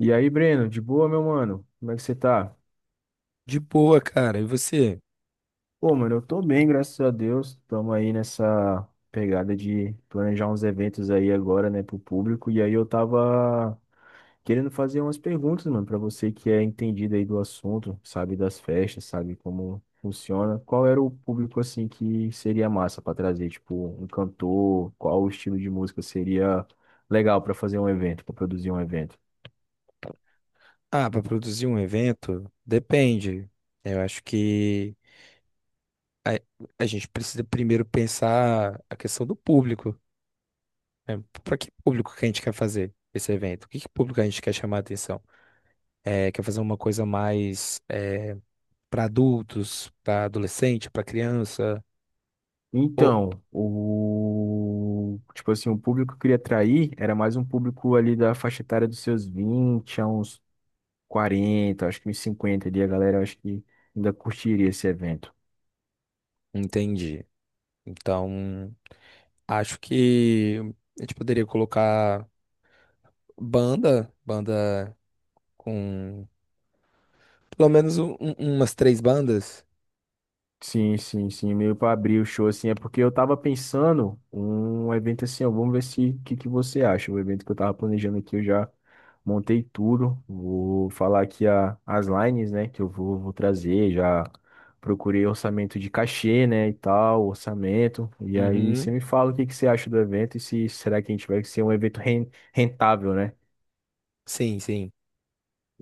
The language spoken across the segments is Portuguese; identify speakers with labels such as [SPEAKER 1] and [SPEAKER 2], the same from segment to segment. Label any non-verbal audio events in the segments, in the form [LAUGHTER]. [SPEAKER 1] E aí, Breno, de boa, meu mano? Como é que você tá?
[SPEAKER 2] De boa, cara. E você?
[SPEAKER 1] Pô, mano, eu tô bem, graças a Deus. Tamo aí nessa pegada de planejar uns eventos aí agora, né, pro público. E aí eu tava querendo fazer umas perguntas, mano, pra você que é entendido aí do assunto, sabe das festas, sabe como funciona. Qual era o público, assim, que seria massa pra trazer? Tipo, um cantor? Qual o estilo de música seria legal pra fazer um evento, pra produzir um evento?
[SPEAKER 2] Ah, para produzir um evento, depende. Eu acho que a, a gente precisa primeiro pensar a questão do público. Para que público que a gente quer fazer esse evento? Que público a gente quer chamar a atenção? É, quer fazer uma coisa mais para adultos, para adolescente, para criança? Ou-
[SPEAKER 1] Então, o tipo assim, o público que eu queria atrair era mais um público ali da faixa etária dos seus 20, a uns 40, acho que uns 50 ali, a galera acho que ainda curtiria esse evento.
[SPEAKER 2] entendi. Então, acho que a gente poderia colocar banda, banda. Com pelo menos umas três bandas?
[SPEAKER 1] Sim, sim, sim, meio para abrir o show, assim, é porque eu tava pensando um evento assim, ó, vamos ver se o que que você acha, o evento que eu tava planejando aqui, eu já montei tudo, vou falar aqui as lines, né, que eu vou trazer, já procurei orçamento de cachê, né, e tal, orçamento, e aí
[SPEAKER 2] Uhum.
[SPEAKER 1] você me fala o que que você acha do evento e se será que a gente vai ser um evento rentável, né?
[SPEAKER 2] Sim, sim.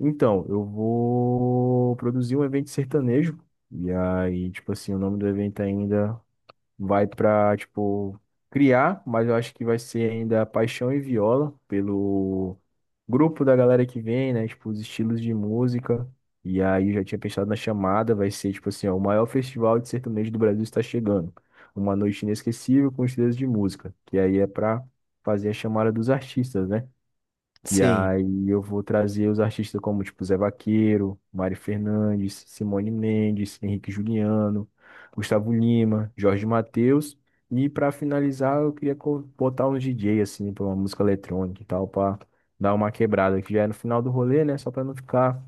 [SPEAKER 1] Então, eu vou produzir um evento sertanejo, e aí, tipo assim, o nome do evento ainda vai pra, tipo, criar, mas eu acho que vai ser ainda Paixão e Viola, pelo grupo da galera que vem, né? Tipo, os estilos de música. E aí eu já tinha pensado na chamada, vai ser, tipo assim, ó, o maior festival de sertanejo do Brasil está chegando. Uma noite inesquecível com estilos de música. Que aí é pra fazer a chamada dos artistas, né? E
[SPEAKER 2] Sim.
[SPEAKER 1] aí eu vou trazer os artistas como, tipo, Zé Vaqueiro, Mari Fernandes, Simone Mendes, Henrique Juliano, Gustavo Lima, Jorge Mateus. E para finalizar, eu queria botar um DJ, assim, pra uma música eletrônica e tal, pra dar uma quebrada, que já é no final do rolê, né? Só pra não ficar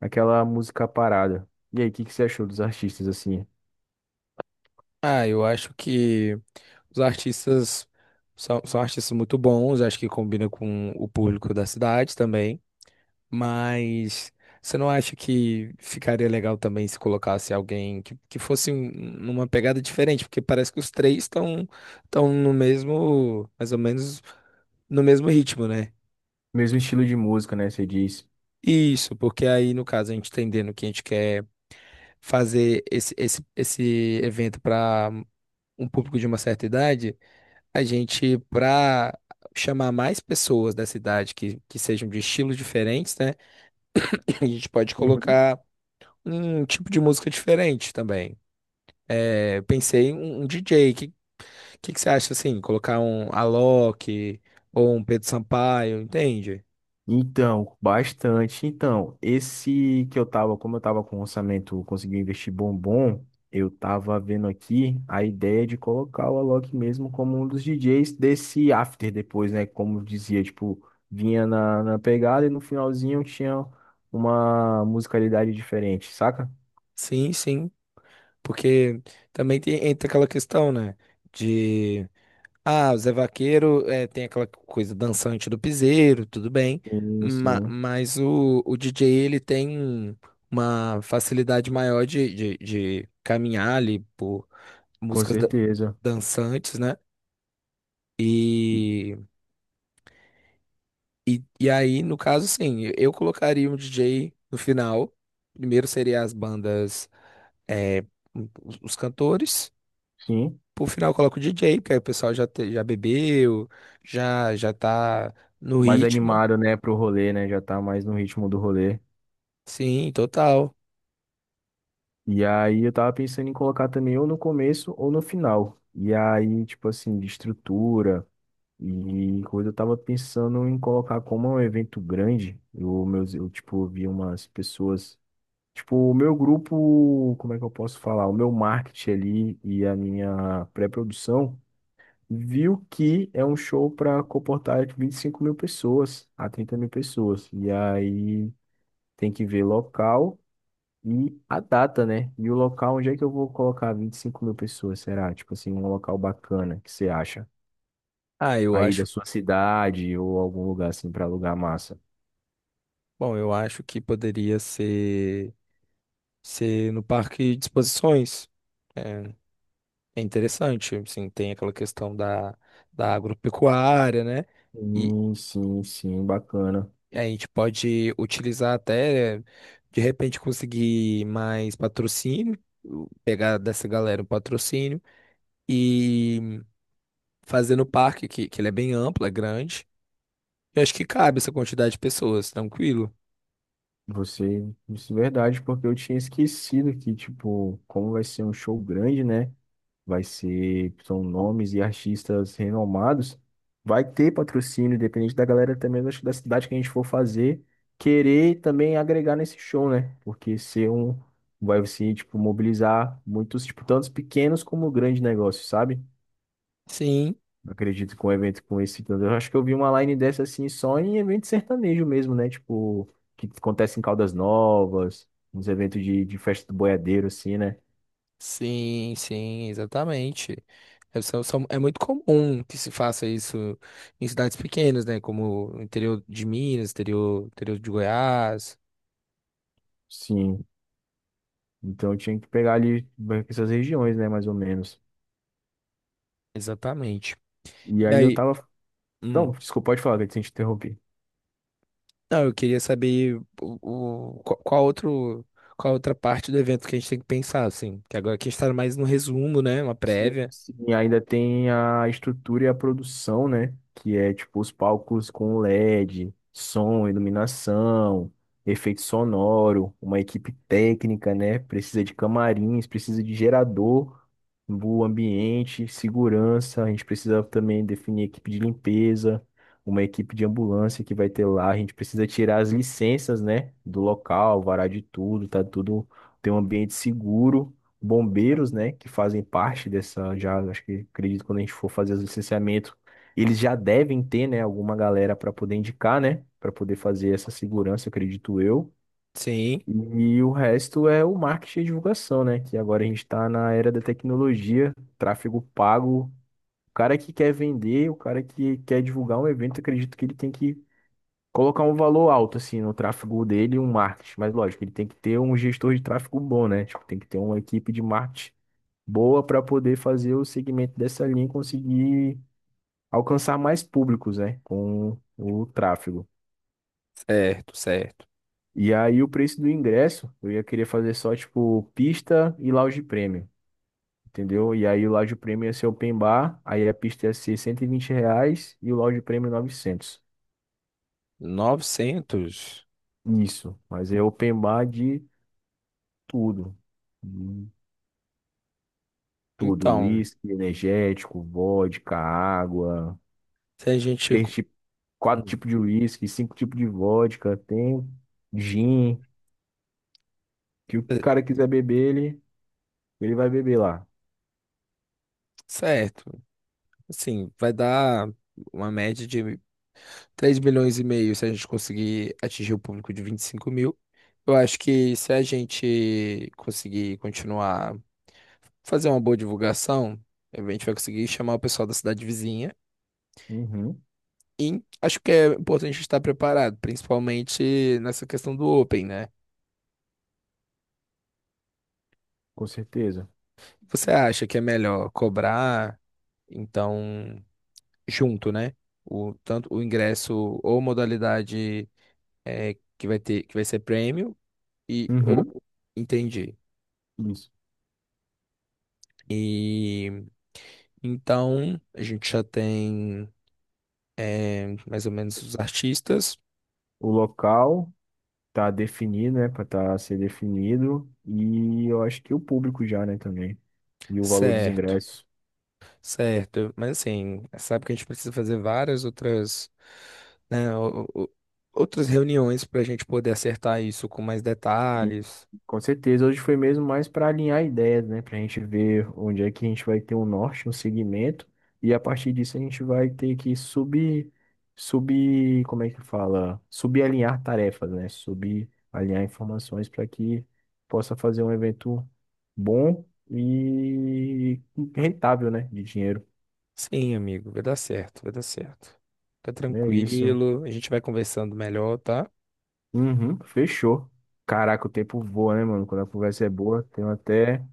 [SPEAKER 1] aquela música parada. E aí, o que que você achou dos artistas, assim?
[SPEAKER 2] Ah, eu acho que os artistas são artistas muito bons, acho que combina com o público da cidade também. Mas você não acha que ficaria legal também se colocasse alguém que fosse numa pegada diferente? Porque parece que os três estão no mesmo, mais ou menos no mesmo ritmo, né?
[SPEAKER 1] Mesmo estilo de música, né? Você diz.
[SPEAKER 2] Isso, porque aí no caso a gente tá entendendo o que a gente quer fazer esse evento para um público de uma certa idade, para chamar mais pessoas da cidade que sejam de estilos diferentes, né? [CLEARS THROAT] A gente pode
[SPEAKER 1] Uhum.
[SPEAKER 2] colocar um tipo de música diferente também. É, eu pensei em um DJ. O que que você acha assim? Colocar um Alok ou um Pedro Sampaio, entende?
[SPEAKER 1] Então, bastante. Então, esse que eu tava, como eu tava com um orçamento, consegui investir bom bom, eu tava vendo aqui a ideia de colocar o Alok mesmo como um dos DJs desse after depois, né? Como eu dizia, tipo, vinha na pegada e no finalzinho tinha uma musicalidade diferente, saca?
[SPEAKER 2] Sim, sim. Porque também tem, entra aquela questão, né? de Ah, o Zé Vaqueiro é, tem aquela coisa dançante do piseiro, tudo bem,
[SPEAKER 1] Sim, sim,
[SPEAKER 2] mas o DJ ele tem uma facilidade maior de caminhar ali por
[SPEAKER 1] com
[SPEAKER 2] músicas
[SPEAKER 1] certeza.
[SPEAKER 2] dançantes, né? E, e aí, no caso, sim, eu colocaria um DJ no final. Primeiro seria as bandas, é, os cantores.
[SPEAKER 1] Sim,
[SPEAKER 2] Por final, eu coloco o DJ, porque aí o pessoal já bebeu, já tá no
[SPEAKER 1] mais
[SPEAKER 2] ritmo.
[SPEAKER 1] animado, né, pro rolê, né? Já tá mais no ritmo do rolê.
[SPEAKER 2] Sim, total.
[SPEAKER 1] E aí eu tava pensando em colocar também ou no começo ou no final. E aí, tipo assim, de estrutura e coisa, eu tava pensando em colocar como é um evento grande. Eu, meus, eu tipo, vi umas pessoas. Tipo, o meu grupo, como é que eu posso falar? O meu marketing ali e a minha pré-produção viu que é um show para comportar de 25 mil pessoas a 30 mil pessoas. E aí tem que ver local. E a data, né? E o local, onde é que eu vou colocar 25 mil pessoas, será? Tipo assim, um local bacana que você acha?
[SPEAKER 2] Ah, eu
[SPEAKER 1] Aí da
[SPEAKER 2] acho.
[SPEAKER 1] sua cidade ou algum lugar assim para alugar massa.
[SPEAKER 2] Bom, eu acho que poderia ser no parque de exposições. É, é interessante, assim, tem aquela questão da agropecuária, né? E
[SPEAKER 1] Sim, sim, sim, bacana.
[SPEAKER 2] a gente pode utilizar até, de repente, conseguir mais patrocínio, pegar dessa galera um patrocínio e fazer no parque, que ele é bem amplo, é grande. Eu acho que cabe essa quantidade de pessoas, tranquilo.
[SPEAKER 1] Você, isso é verdade, porque eu tinha esquecido que, tipo, como vai ser um show grande, né? Vai ser, são nomes e artistas renomados. Vai ter patrocínio, independente da galera também, acho que da cidade que a gente for fazer, querer também agregar nesse show, né? Porque ser um, vai se, tipo, mobilizar muitos, tipo, tantos pequenos como grandes negócios, sabe?
[SPEAKER 2] Sim.
[SPEAKER 1] Acredito que um evento com esse, eu acho que eu vi uma line dessa assim só em evento sertanejo mesmo, né? Tipo, que acontece em Caldas Novas, uns eventos de festa do boiadeiro, assim, né?
[SPEAKER 2] Sim, sim, exatamente. É, é muito comum que se faça isso em cidades pequenas, né? Como o interior de Minas, interior de Goiás.
[SPEAKER 1] Sim, então eu tinha que pegar ali essas regiões, né, mais ou menos.
[SPEAKER 2] Exatamente.
[SPEAKER 1] E
[SPEAKER 2] E
[SPEAKER 1] aí eu
[SPEAKER 2] aí,
[SPEAKER 1] tava.
[SPEAKER 2] hum,
[SPEAKER 1] Não, desculpa, pode falar, que eu te interrompi.
[SPEAKER 2] não, eu queria saber qual outra parte do evento que a gente tem que pensar, assim. Que agora aqui a gente tá mais no resumo, né? Uma
[SPEAKER 1] Sim,
[SPEAKER 2] prévia.
[SPEAKER 1] sim. E ainda tem a estrutura e a produção, né? Que é tipo os palcos com LED, som, iluminação, efeito sonoro, uma equipe técnica, né? Precisa de camarins, precisa de gerador, o ambiente, segurança. A gente precisa também definir equipe de limpeza, uma equipe de ambulância que vai ter lá. A gente precisa tirar as licenças, né? Do local, varar de tudo, tá tudo, ter um ambiente seguro, bombeiros, né, que fazem parte dessa, já acho que acredito que quando a gente for fazer os licenciamentos, eles já devem ter, né, alguma galera para poder indicar, né, para poder fazer essa segurança, acredito eu.
[SPEAKER 2] Sim,
[SPEAKER 1] E o resto é o marketing e divulgação, né? Que agora a gente está na era da tecnologia, tráfego pago. O cara que quer vender, o cara que quer divulgar um evento, acredito que ele tem que colocar um valor alto, assim, no tráfego dele e um marketing. Mas lógico, ele tem que ter um gestor de tráfego bom, né? Tipo, tem que ter uma equipe de marketing boa para poder fazer o segmento dessa linha e conseguir alcançar mais públicos, né, com o tráfego.
[SPEAKER 2] certo, certo.
[SPEAKER 1] E aí o preço do ingresso, eu ia querer fazer só tipo pista e lounge premium, entendeu? E aí o lounge premium ia ser open bar, aí a pista ia ser R$ 120 e o lounge premium novecentos.
[SPEAKER 2] 900.
[SPEAKER 1] Isso, mas é open bar de tudo. De tudo,
[SPEAKER 2] Então,
[SPEAKER 1] uísque, energético, vodka, água,
[SPEAKER 2] se a gente.
[SPEAKER 1] três quatro
[SPEAKER 2] Hum,
[SPEAKER 1] tipos de uísque, cinco tipos de vodka, tem gin, que o
[SPEAKER 2] é,
[SPEAKER 1] cara quiser beber, ele vai beber lá.
[SPEAKER 2] certo. Assim, vai dar uma média de 3,5 milhões se a gente conseguir atingir o público de 25 mil. Eu acho que se a gente conseguir continuar, fazer uma boa divulgação, a gente vai conseguir chamar o pessoal da cidade vizinha.
[SPEAKER 1] Uhum,
[SPEAKER 2] E acho que é importante estar preparado, principalmente nessa questão do Open, né?
[SPEAKER 1] com certeza.
[SPEAKER 2] Você acha que é melhor cobrar, então, junto, né? Tanto o ingresso ou modalidade é, que vai ter, que vai ser prêmio. E
[SPEAKER 1] Uhum,
[SPEAKER 2] oh, entendi.
[SPEAKER 1] isso.
[SPEAKER 2] E então a gente já tem mais ou menos os artistas,
[SPEAKER 1] O local tá definido, né, para tá ser definido e eu acho que o público já, né, também. E o valor dos
[SPEAKER 2] certo,
[SPEAKER 1] ingressos.
[SPEAKER 2] certo. Mas assim, sabe que a gente precisa fazer várias outras, né, outras reuniões para a gente poder acertar isso com mais detalhes.
[SPEAKER 1] Com certeza, hoje foi mesmo mais para alinhar ideias, né? Para a gente ver onde é que a gente vai ter um norte, um segmento, e a partir disso a gente vai ter que subir, subir, como é que fala? Subalinhar tarefas, né? Subalinhar informações para que possa fazer um evento bom e rentável, né? De dinheiro.
[SPEAKER 2] Sim, amigo, vai dar certo, vai dar certo. Fica
[SPEAKER 1] É isso.
[SPEAKER 2] tranquilo, a gente vai conversando melhor, tá?
[SPEAKER 1] Uhum, fechou. Caraca, o tempo voa, né, mano? Quando a conversa é boa, tenho até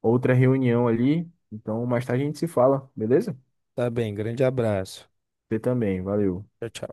[SPEAKER 1] outra reunião ali. Então, mais tarde a gente se fala, beleza?
[SPEAKER 2] Tá bem, grande abraço.
[SPEAKER 1] Você também, valeu.
[SPEAKER 2] Tchau, tchau.